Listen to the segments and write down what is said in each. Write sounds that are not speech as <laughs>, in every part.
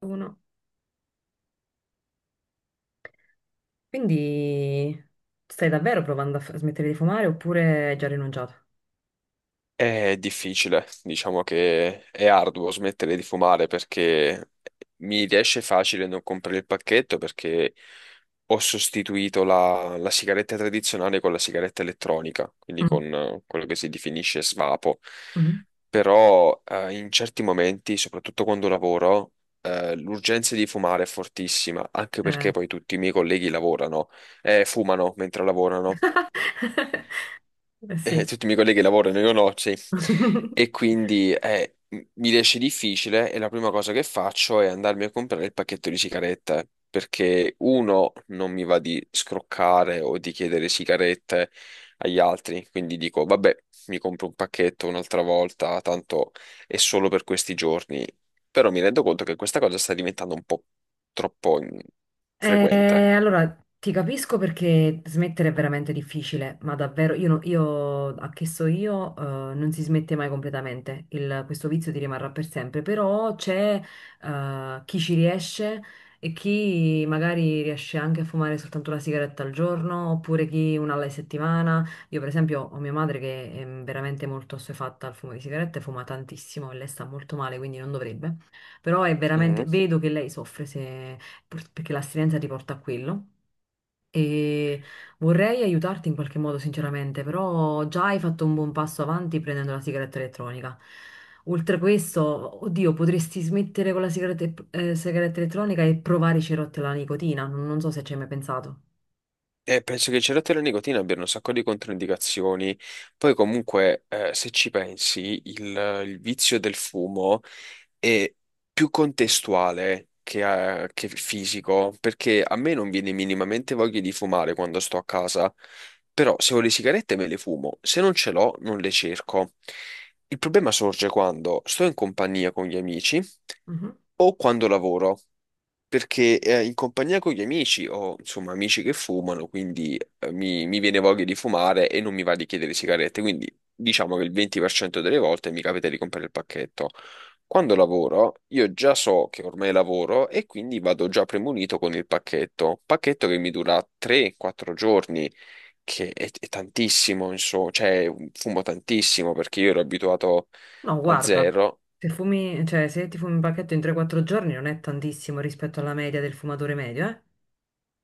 Uno. Quindi stai davvero provando a smettere di fumare oppure hai già rinunciato? È difficile, diciamo che è arduo smettere di fumare perché mi riesce facile non comprare il pacchetto perché ho sostituito la sigaretta tradizionale con la sigaretta elettronica, quindi Mm, con quello che si definisce svapo. mhm. Però in certi momenti, soprattutto quando lavoro, l'urgenza di fumare è fortissima, anche perché Eh. poi tutti i miei colleghi lavorano, fumano mentre lavorano <laughs> sì. tutti i miei colleghi lavorano, io no, sì. <laughs> E quindi mi riesce difficile e la prima cosa che faccio è andarmi a comprare il pacchetto di sigarette, perché uno non mi va di scroccare o di chiedere sigarette agli altri, quindi dico, vabbè, mi compro un pacchetto un'altra volta, tanto è solo per questi giorni. Però mi rendo conto che questa cosa sta diventando un po' troppo frequente. Allora, ti capisco perché smettere è veramente difficile, ma davvero, io, io a che so io, non si smette mai completamente. Questo vizio ti rimarrà per sempre, però c'è chi ci riesce e chi magari riesce anche a fumare soltanto una sigaretta al giorno, oppure chi una alla settimana. Io per esempio ho mia madre che è veramente molto assuefatta al fumo di sigarette, fuma tantissimo e lei sta molto male, quindi non dovrebbe, però è veramente, vedo che lei soffre se perché l'astinenza ti porta a quello. E vorrei aiutarti in qualche modo, sinceramente, però già hai fatto un buon passo avanti prendendo la sigaretta elettronica. Oltre a questo, oddio, potresti smettere con la sigaretta, sigaretta elettronica e provare i cerotti alla nicotina. Non so se ci hai mai pensato. Penso che il cerotto e la nicotina abbiano un sacco di controindicazioni. Poi, comunque, se ci pensi, il vizio del fumo è più contestuale che fisico, perché a me non viene minimamente voglia di fumare quando sto a casa. Però, se ho le sigarette, me le fumo. Se non ce l'ho, non le cerco. Il problema sorge quando sto in compagnia con gli amici Mhm. o quando lavoro perché in compagnia con gli amici ho insomma amici che fumano, quindi mi viene voglia di fumare e non mi va di chiedere sigarette, quindi diciamo che il 20% delle volte mi capita di comprare il pacchetto. Quando lavoro, io già so che ormai lavoro e quindi vado già premunito con il pacchetto, pacchetto che mi dura 3-4 giorni, che è tantissimo, insomma, cioè fumo tantissimo perché io ero abituato No, a guarda, zero. se fumi, cioè, se ti fumi un pacchetto in 3-4 giorni non è tantissimo rispetto alla media del fumatore medio, eh?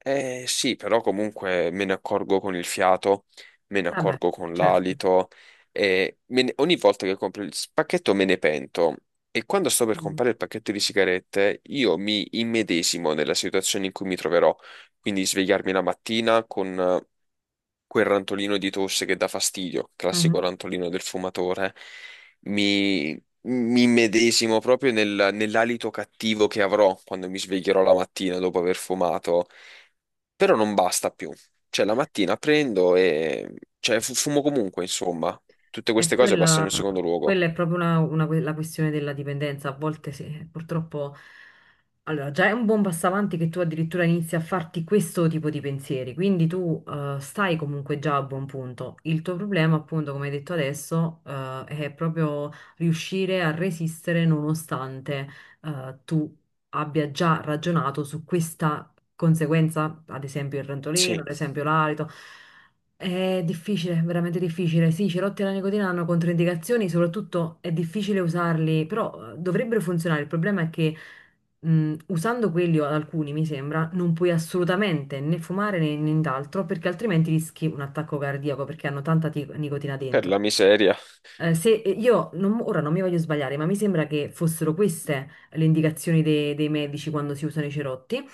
Eh sì, però comunque me ne accorgo con il fiato, me ne Vabbè, accorgo con certo. l'alito e ogni volta che compro il pacchetto me ne pento. E quando sto per Mm. comprare il pacchetto di sigarette, io mi immedesimo nella situazione in cui mi troverò. Quindi svegliarmi la mattina con quel rantolino di tosse che dà fastidio, classico Mhm. rantolino del fumatore. Mi, mi immedesimo proprio nell'alito cattivo che avrò quando mi sveglierò la mattina dopo aver fumato. Però non basta più. Cioè, la mattina prendo e... Cioè, fumo comunque, insomma. Tutte E queste cose passano quella, in secondo luogo. quella è proprio una, la questione della dipendenza. A volte sì, purtroppo. Allora, già è un buon passo avanti che tu addirittura inizi a farti questo tipo di pensieri, quindi tu stai comunque già a buon punto. Il tuo problema, appunto, come hai detto adesso, è proprio riuscire a resistere nonostante tu abbia già ragionato su questa conseguenza, ad esempio il rantolino, Sì, ad esempio l'alito. È difficile, veramente difficile. Sì, i cerotti alla nicotina hanno controindicazioni, soprattutto è difficile usarli, però dovrebbero funzionare. Il problema è che usando quelli o alcuni, mi sembra, non puoi assolutamente né fumare né nient'altro, perché altrimenti rischi un attacco cardiaco, perché hanno tanta nicotina per dentro. la miseria. Se io ora non mi voglio sbagliare, ma mi sembra che fossero queste le indicazioni dei medici quando si usano i cerotti.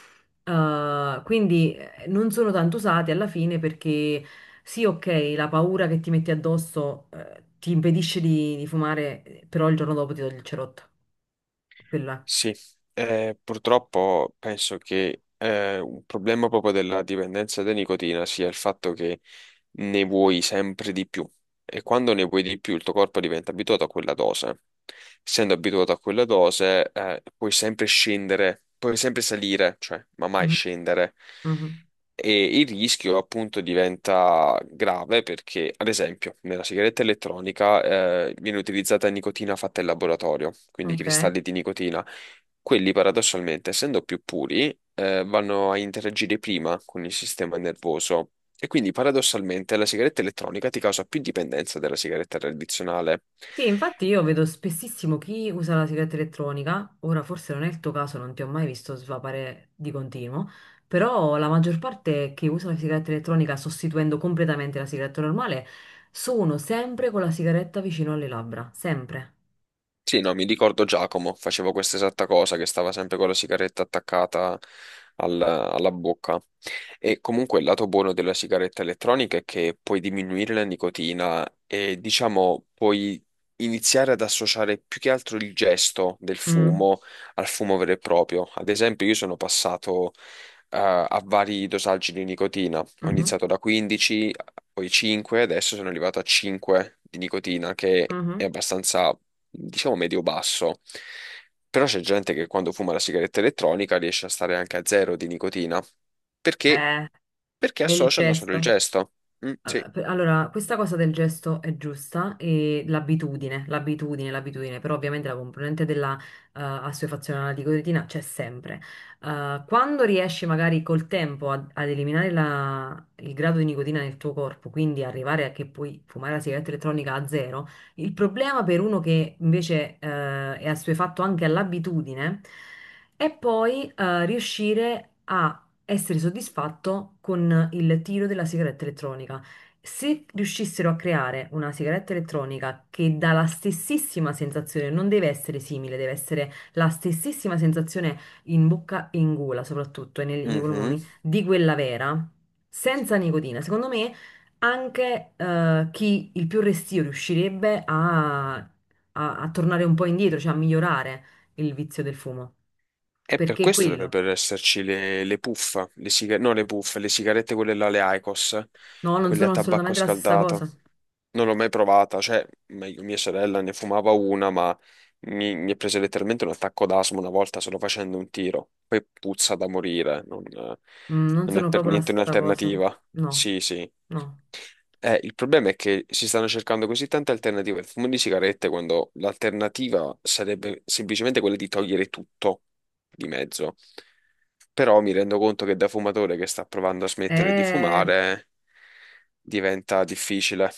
Quindi non sono tanto usati alla fine perché sì, ok, la paura che ti metti addosso, ti impedisce di fumare, però il giorno dopo ti togli il cerotto. Quella. Sì, purtroppo penso che un problema proprio della dipendenza da nicotina sia il fatto che ne vuoi sempre di più e quando ne vuoi di più il tuo corpo diventa abituato a quella dose. Essendo abituato a quella dose, puoi sempre scendere, puoi sempre salire, cioè, ma mai Mhm, scendere. mhm. E il rischio appunto diventa grave perché, ad esempio, nella sigaretta elettronica viene utilizzata nicotina fatta in laboratorio, quindi Ok. cristalli di nicotina quelli paradossalmente, essendo più puri, vanno a interagire prima con il sistema nervoso e quindi paradossalmente la sigaretta elettronica ti causa più dipendenza della sigaretta tradizionale. Sì, infatti io vedo spessissimo chi usa la sigaretta elettronica, ora forse non è il tuo caso, non ti ho mai visto svapare di continuo, però la maggior parte che usa la sigaretta elettronica sostituendo completamente la sigaretta normale sono sempre con la sigaretta vicino alle labbra, sempre. Sì, no, mi ricordo Giacomo, facevo questa esatta cosa, che stava sempre con la sigaretta attaccata alla bocca. E comunque il lato buono della sigaretta elettronica è che puoi diminuire la nicotina e diciamo puoi iniziare ad associare più che altro il gesto del Mm, fumo al fumo vero e proprio. Ad esempio, io sono passato a vari dosaggi di nicotina. Ho mhm, iniziato da 15, poi 5, adesso sono arrivato a 5 di nicotina, che mhm. è abbastanza diciamo medio-basso. Però c'è gente che quando fuma la sigaretta elettronica riesce a stare anche a zero di nicotina. Perché? Eh, Perché è il associano solo il gesto. gesto. Mm, sì. Allora, allora, questa cosa del gesto è giusta e l'abitudine, l'abitudine, l'abitudine, però ovviamente la componente della assuefazione alla nicotina c'è sempre. Quando riesci magari col tempo ad eliminare il grado di nicotina nel tuo corpo, quindi arrivare a che puoi fumare la sigaretta elettronica a zero, il problema per uno che invece è assuefatto anche all'abitudine è poi riuscire a essere soddisfatto con il tiro della sigaretta elettronica. Se riuscissero a creare una sigaretta elettronica che dà la stessissima sensazione, non deve essere simile, deve essere la stessissima sensazione in bocca e in gola, soprattutto e nei Mhm. polmoni, di quella vera, senza nicotina, secondo me anche chi il più restio riuscirebbe a tornare un po' indietro, cioè a migliorare il vizio del fumo. E per Perché è questo quello. dovrebbero esserci le puff, no le puff, le sigarette quelle là, le IQOS, No, non quelle a sono tabacco assolutamente la stessa scaldato. cosa. Non l'ho mai provata, cioè, meglio, mia sorella ne fumava una, ma mi è preso letteralmente un attacco d'asma una volta solo facendo un tiro. Poi puzza da morire, non, Mm, non non è sono per proprio la niente stessa cosa. un'alternativa. No, Sì, sì. no. Il problema è che si stanno cercando così tante alternative al fumo di sigarette quando l'alternativa sarebbe semplicemente quella di togliere tutto di mezzo. Però mi rendo conto che da fumatore che sta provando a smettere di È... fumare diventa difficile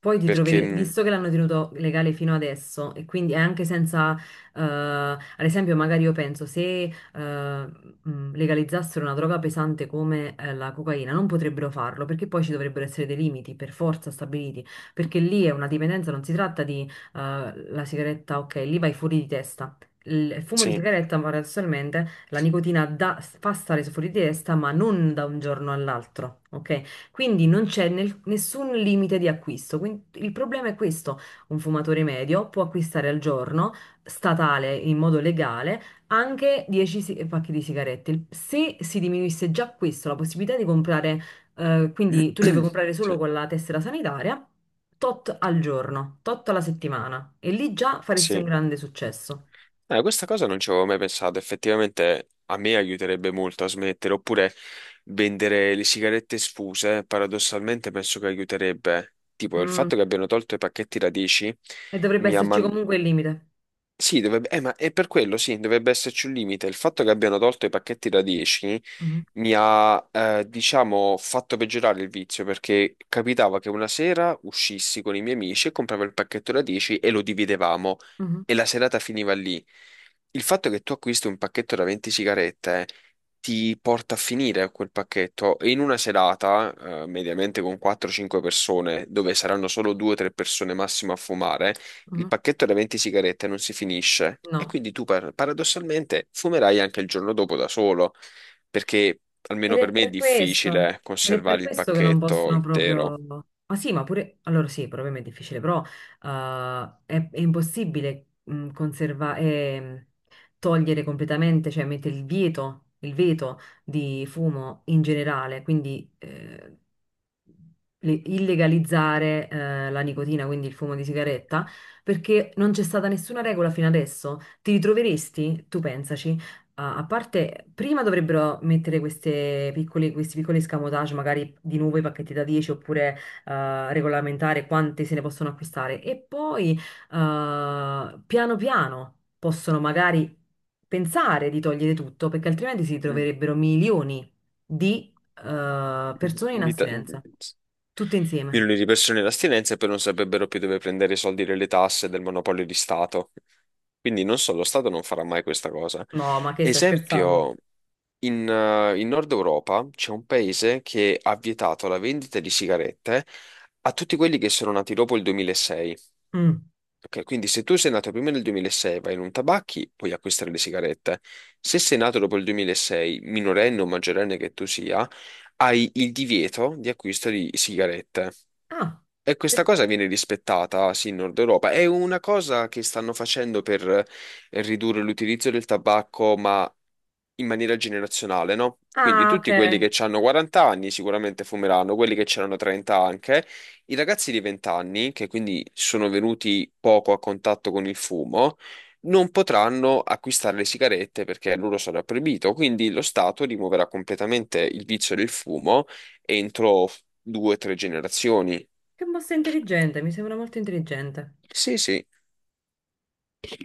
Poi ti perché troverete, visto che l'hanno tenuto legale fino adesso, e quindi è anche senza, ad esempio, magari io penso se legalizzassero una droga pesante come la cocaina, non potrebbero farlo perché poi ci dovrebbero essere dei limiti per forza stabiliti, perché lì è una dipendenza, non si tratta di la sigaretta, ok, lì vai fuori di testa. Il fumo di sì, sigaretta, paradossalmente, la nicotina fa stare fuori di testa, ma non da un giorno all'altro, ok? Quindi non c'è nessun limite di acquisto. Quindi il problema è questo: un fumatore medio può acquistare al giorno, statale in modo legale, anche 10 pacchi di sigarette. Se si diminuisse già questo, la possibilità di comprare, quindi tu le puoi <clears throat> comprare solo sì, con la tessera sanitaria, tot al giorno, tot alla settimana, e lì già faresti un sì. grande successo. Questa cosa non ci avevo mai pensato, effettivamente a me aiuterebbe molto a smettere, oppure vendere le sigarette sfuse, paradossalmente penso che aiuterebbe. Tipo, il Mm, fatto che abbiano tolto i pacchetti radici e dovrebbe mi ha, esserci comunque il limite. sì, dovrebbe, ma è per quello, sì, dovrebbe esserci un limite. Il fatto che abbiano tolto i pacchetti da 10 Mhm, mi ha, diciamo, fatto peggiorare il vizio perché capitava che una sera uscissi con i miei amici e compravo il pacchetto da 10 e lo dividevamo mhm, e la serata finiva lì. Il fatto che tu acquisti un pacchetto da 20 sigarette ti porta a finire quel pacchetto e in una serata, mediamente con 4-5 persone, dove saranno solo 2-3 persone massimo a fumare, il mhm. pacchetto da 20 sigarette non si finisce e No. quindi tu paradossalmente fumerai anche il giorno dopo da solo, perché Ed almeno è per me è per questo, difficile ed è per conservare il questo che non pacchetto possono proprio... intero. Ma sì, ma pure... Allora sì, probabilmente è difficile, però è impossibile conservare, togliere completamente, cioè mettere il vieto, il veto di fumo in generale, quindi illegalizzare la nicotina, quindi il fumo di sigaretta, perché non c'è stata nessuna regola fino adesso. Ti ritroveresti, tu pensaci a a parte, prima dovrebbero mettere queste piccole, questi piccoli escamotage, magari di nuovo i pacchetti da 10 oppure regolamentare quanti se ne possono acquistare e poi piano piano possono magari pensare di togliere tutto perché altrimenti si Mm. troverebbero milioni di persone in Di ta- astinenza, tutte insieme. Milioni di persone in astinenza e poi non saprebbero più dove prendere i soldi delle tasse del monopolio di Stato. Quindi non so, lo Stato non farà mai questa cosa. No, ma che stai scherzando? Esempio. In Nord Europa c'è un paese che ha vietato la vendita di sigarette a tutti quelli che sono nati dopo il 2006. Mm. Ok, quindi se tu sei nato prima del 2006, vai in un tabacchi, puoi acquistare le sigarette. Se sei nato dopo il 2006, minorenne o maggiorenne che tu sia, hai il divieto di acquisto di sigarette. Ah, E questa per- cosa viene rispettata, sì, in Nord Europa. È una cosa che stanno facendo per ridurre l'utilizzo del tabacco, ma in maniera generazionale, no? Quindi ah, ok. tutti quelli che hanno 40 anni sicuramente fumeranno, quelli che c'erano 30 anche, i ragazzi di 20 anni, che quindi sono venuti poco a contatto con il fumo, non potranno acquistare le sigarette perché a loro sarà proibito, quindi lo Stato rimuoverà completamente il vizio del fumo entro due o tre generazioni. Che mossa intelligente, mi sembra molto intelligente. Sì, sì.